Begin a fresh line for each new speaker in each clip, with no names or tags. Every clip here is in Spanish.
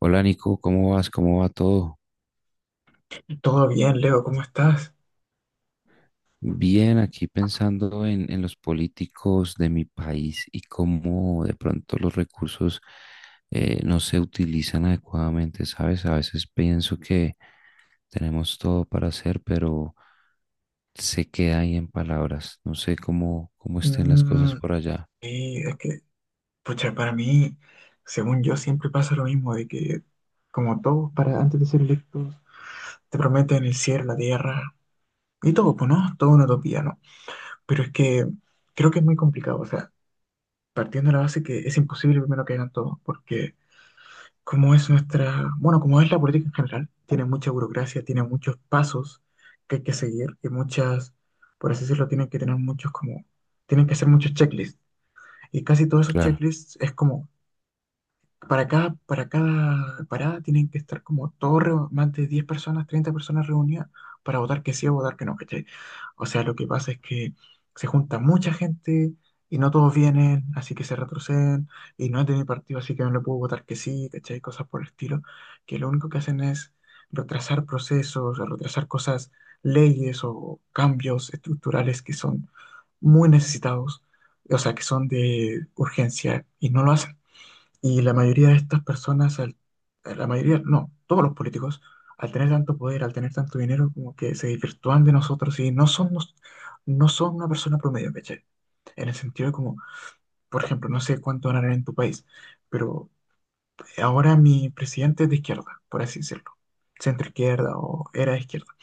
Hola Nico, ¿cómo vas? ¿Cómo va todo?
Todo bien, Leo, ¿cómo estás?
Bien, aquí pensando en los políticos de mi país y cómo de pronto los recursos no se utilizan adecuadamente, ¿sabes? A veces pienso que tenemos todo para hacer, pero se queda ahí en palabras. No sé cómo estén las cosas
Mm.
por allá.
Y es que, pucha, para mí, según yo, siempre pasa lo mismo, de que, como todos, para antes de ser electos, te prometen el cielo, la tierra, y todo, pues, ¿no? Todo una utopía, ¿no? Pero es que creo que es muy complicado, o sea, partiendo de la base que es imposible primero que hagan todo, porque como es nuestra, bueno, como es la política en general, tiene mucha burocracia, tiene muchos pasos que hay que seguir, y muchas, por así decirlo, tienen que tener muchos como, tienen que hacer muchos checklists. Y casi todos esos
Claro.
checklists es como para cada parada tienen que estar como todos, más de 10 personas, 30 personas reunidas para votar que sí o votar que no, ¿cachai? O sea, lo que pasa es que se junta mucha gente y no todos vienen, así que se retroceden y no es de mi partido, así que no le puedo votar que sí, ¿cachai? Cosas por el estilo, que lo único que hacen es retrasar procesos, retrasar cosas, leyes o cambios estructurales que son muy necesitados, o sea, que son de urgencia y no lo hacen. Y la mayoría de estas personas, la mayoría, no, todos los políticos, al tener tanto poder, al tener tanto dinero, como que se desvirtúan de nosotros y no son, no son una persona promedio, ¿cachai? En el sentido de como, por ejemplo, no sé cuánto ganarán en tu país, pero ahora mi presidente es de izquierda, por así decirlo, centro izquierda o era de izquierda.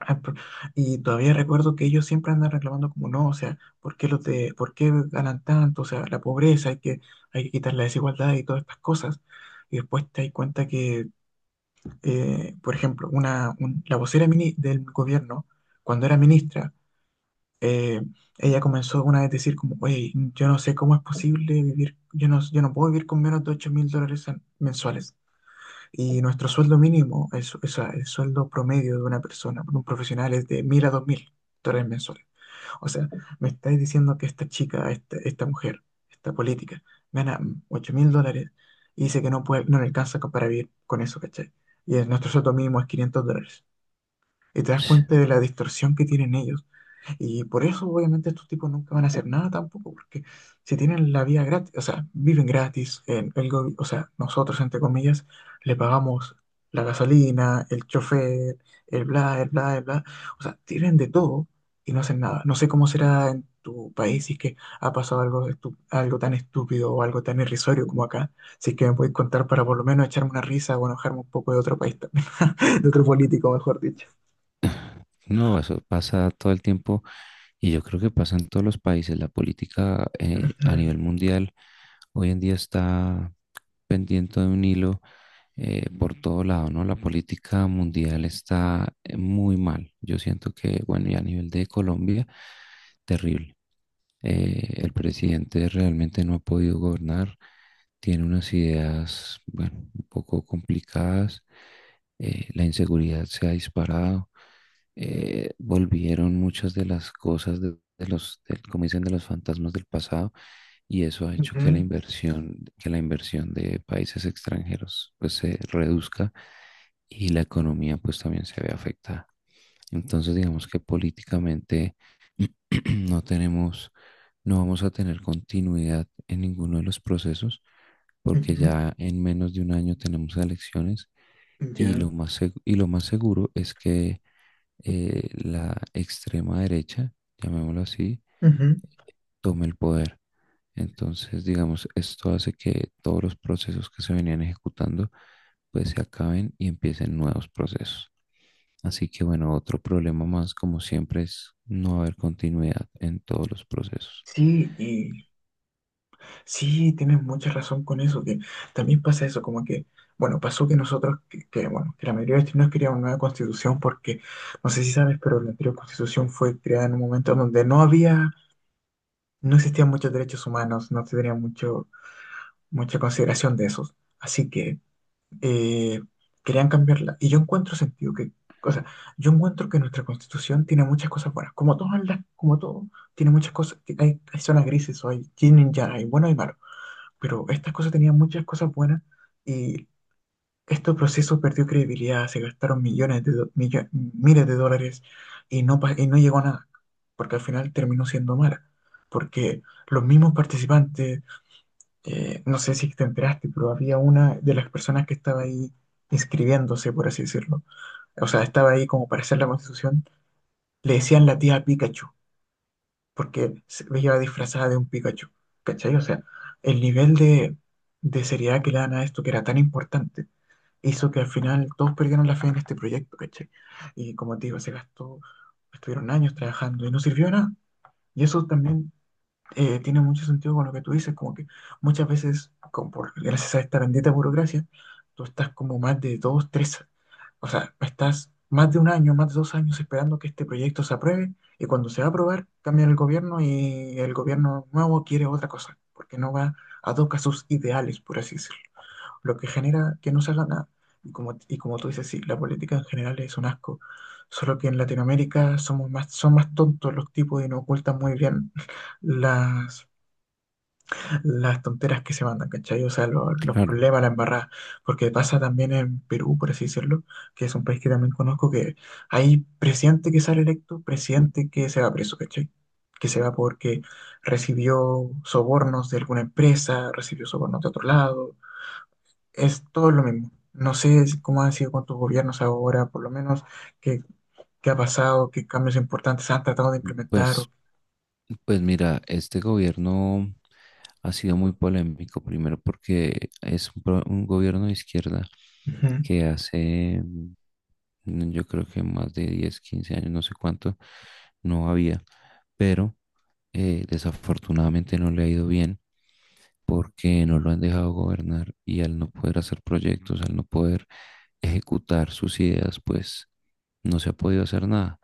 Ah, y todavía recuerdo que ellos siempre andan reclamando como no, o sea, ¿por qué los de, por qué ganan tanto? O sea, la pobreza, hay que quitar la desigualdad y todas estas cosas. Y después te das cuenta que, por ejemplo, la vocera del gobierno, cuando era ministra, eh, ella comenzó una vez a decir como, oye, yo no sé cómo es posible vivir, yo no, yo no puedo vivir con menos de 8.000 dólares mensuales. Y nuestro sueldo mínimo, es, o sea, el sueldo promedio de una persona, de un profesional, es de 1.000 a 2.000 dólares mensuales. O sea, me estáis diciendo que esta chica, esta mujer, esta política, gana 8.000 dólares y dice que no puede, no le alcanza para vivir con eso, ¿cachai? Y nuestro sueldo mínimo es 500 dólares. Y te das cuenta de la distorsión que tienen ellos y por eso, obviamente, estos tipos nunca van a hacer nada tampoco, porque si tienen la vida gratis, o sea, viven gratis, o sea, nosotros, entre comillas, le pagamos la gasolina, el chofer, el bla, el bla, el bla, o sea, tienen de todo y no hacen nada. No sé cómo será en tu país si es que ha pasado algo, algo tan estúpido o algo tan irrisorio como acá, si es que me podéis contar para por lo menos echarme una risa o enojarme un poco de otro país también, de otro político, mejor dicho.
No, eso pasa todo el tiempo. Y yo creo que pasa en todos los países. La política a
Ujú,
nivel mundial hoy en día está pendiente de un hilo, por todo lado, ¿no? La política mundial está muy mal. Yo siento que, bueno, y a nivel de Colombia, terrible. El presidente realmente no ha podido gobernar. Tiene unas ideas, bueno, un poco complicadas. La inseguridad se ha disparado. Volvieron muchas de las cosas como dicen, de los fantasmas del pasado, y eso ha hecho que
ujú,
la inversión de países extranjeros pues se reduzca y la economía pues también se ve afectada. Entonces digamos que políticamente no tenemos, no vamos a tener continuidad en ninguno de los procesos porque
ujú.
ya en menos de un año tenemos elecciones, y
Ya.
y lo más seguro es que la extrema derecha, llamémoslo así,
Ujú.
tome el poder. Entonces, digamos, esto hace que todos los procesos que se venían ejecutando pues se acaben y empiecen nuevos procesos. Así que bueno, otro problema más, como siempre, es no haber continuidad en todos los procesos.
Sí, y sí, tienes mucha razón con eso, que también pasa eso, como que, bueno, pasó que nosotros, que, bueno, que la mayoría de los chilenos querían una nueva constitución porque, no sé si sabes, pero la anterior constitución fue creada en un momento donde no había, no existían muchos derechos humanos, no se tenía mucho, mucha consideración de esos. Así que eh, querían cambiarla. Y yo encuentro sentido que, o sea, yo encuentro que nuestra constitución tiene muchas cosas buenas, como todas las, como todo, tiene muchas cosas, hay, hay zonas grises, o hay yin y yang, hay bueno y malo, pero estas cosas tenían muchas cosas buenas y este proceso perdió credibilidad, se gastaron millones de, do- millo- miles de dólares y y no llegó a nada, porque al final terminó siendo mala, porque los mismos participantes no sé si te enteraste, pero había una de las personas que estaba ahí inscribiéndose, por así decirlo. O sea, estaba ahí como para hacer la constitución. Le decían la tía Pikachu, porque se veía disfrazada de un Pikachu. ¿Cachai? O sea, el nivel de seriedad que le dan a esto, que era tan importante, hizo que al final todos perdieron la fe en este proyecto, ¿cachai? Y como te digo, se gastó, estuvieron años trabajando y no sirvió de nada. Y eso también tiene mucho sentido con lo que tú dices, como que muchas veces, como por, gracias a esta bendita burocracia, tú estás como más de dos, tres, o sea, estás más de un año, más de 2 años esperando que este proyecto se apruebe y cuando se va a aprobar, cambia el gobierno y el gobierno nuevo quiere otra cosa, porque no va a tocar sus ideales, por así decirlo, lo que genera que no se haga nada. Y como tú dices, sí, la política en general es un asco, solo que en Latinoamérica somos más, son más tontos los tipos y nos ocultan muy bien las, las tonteras que se mandan, ¿cachai? O sea, los
Claro,
problemas, la embarrada. Porque pasa también en Perú, por así decirlo, que es un país que también conozco, que hay presidente que sale electo, presidente que se va preso, ¿cachai? Que se va porque recibió sobornos de alguna empresa, recibió sobornos de otro lado. Es todo lo mismo. No sé cómo han sido con tus gobiernos ahora, por lo menos, qué, qué ha pasado, qué cambios importantes han tratado de implementar.
pues, pues mira, este gobierno ha sido muy polémico, primero porque es un gobierno de izquierda
Ujú,
que hace, mm, yo creo que más de 10, 15 años, no sé cuánto, no había, pero desafortunadamente no le ha ido bien porque no lo han dejado gobernar, y al no poder hacer proyectos, al no poder ejecutar sus ideas, pues no se ha podido hacer nada.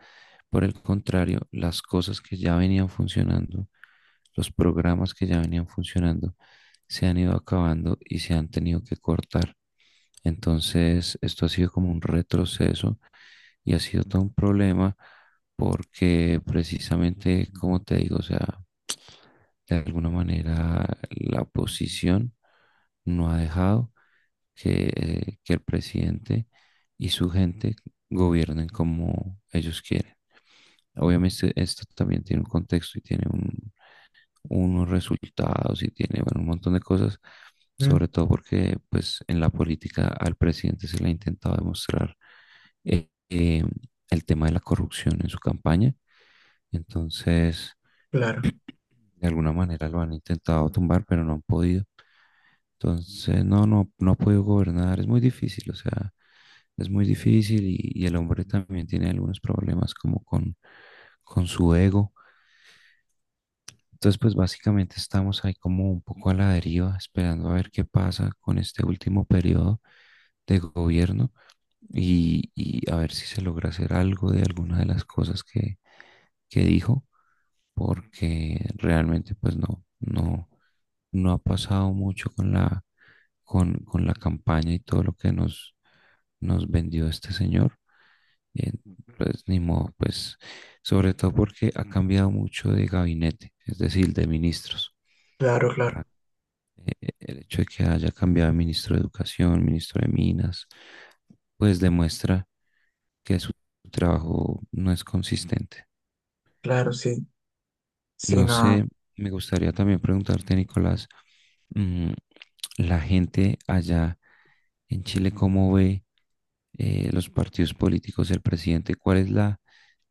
Por el contrario, las cosas que ya venían funcionando, los programas que ya venían funcionando, se han ido acabando y se han tenido que cortar. Entonces, esto ha sido como un retroceso y ha sido todo un problema porque precisamente, como te digo, o sea, de alguna manera la oposición no ha dejado que el presidente y su gente gobiernen como ellos quieren. Obviamente esto también tiene un contexto y tiene unos resultados y tiene, bueno, un montón de cosas,
ujú.
sobre todo porque pues en la política al presidente se le ha intentado demostrar eh, eh, el tema de la corrupción en su campaña. Entonces,
Claro,
de alguna manera lo han intentado tumbar, pero no han podido. Entonces, no ha podido gobernar, es muy difícil, o sea, es muy difícil, y el hombre también tiene algunos problemas como con su ego. Entonces, pues básicamente estamos ahí como un poco a la deriva, esperando a ver qué pasa con este último periodo de gobierno, y a ver si se logra hacer algo de alguna de las cosas que dijo, porque realmente pues no ha pasado mucho con con la campaña y todo lo que nos vendió este señor. Eh, Pues ni modo, pues sobre todo porque ha cambiado mucho de gabinete, es decir, de ministros.
claro, claro.
El hecho de que haya cambiado de ministro de Educación, ministro de Minas, pues demuestra que su trabajo no es consistente.
Claro, sí, sí,
No
no.
sé, me gustaría también preguntarte, Nicolás, mm, la gente allá en Chile, ¿cómo ve los partidos políticos, el presidente? ¿Cuál es la,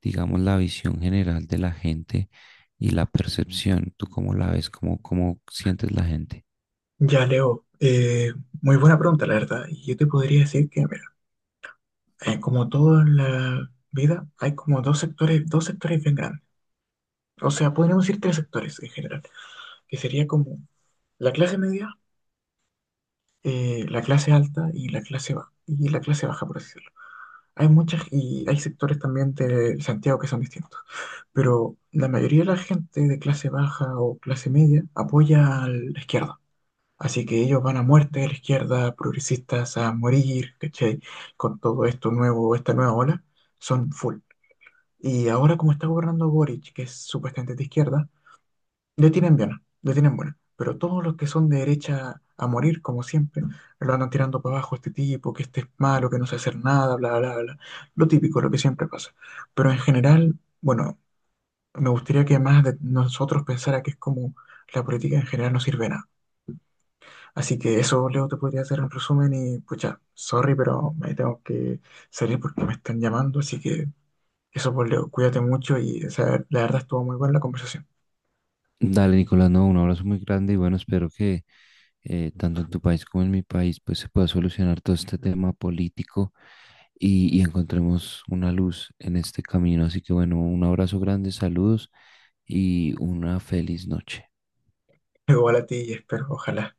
digamos, la visión general de la gente y la percepción? ¿Tú cómo la ves? Cómo sientes la gente?
Ya, Leo, muy buena pregunta, la verdad. Y yo te podría decir que, mira, como toda la vida, hay como dos sectores bien grandes. O sea, podríamos decir tres sectores en general, que sería como la clase media, la clase alta y la clase baja, y la clase baja, por así decirlo. Hay muchas, y hay sectores también de Santiago que son distintos. Pero la mayoría de la gente de clase baja o clase media apoya a la izquierda. Así que ellos van a muerte, la izquierda, progresistas a morir, ¿cachai? Con todo esto nuevo, esta nueva ola, son full. Y ahora como está gobernando Boric, que es supuestamente de izquierda, le tienen bien, le tienen buena. Pero todos los que son de derecha a morir, como siempre, lo andan tirando para abajo, este tipo, que este es malo, que no sabe hacer nada, bla, bla, bla. Lo típico, lo que siempre pasa. Pero en general, bueno, me gustaría que más de nosotros pensara que es como la política en general no sirve de nada. Así que eso, Leo, te podría hacer un resumen y pucha, sorry, pero me tengo que salir porque me están llamando, así que eso, pues, Leo, cuídate mucho y o sea, la verdad estuvo muy buena la conversación.
Dale, Nicolás, no, un abrazo muy grande y bueno, espero que tanto en tu país como en mi país, pues se pueda solucionar todo este tema político y encontremos una luz en este camino. Así que bueno, un abrazo grande, saludos y una feliz noche.
Igual a ti y espero, ojalá.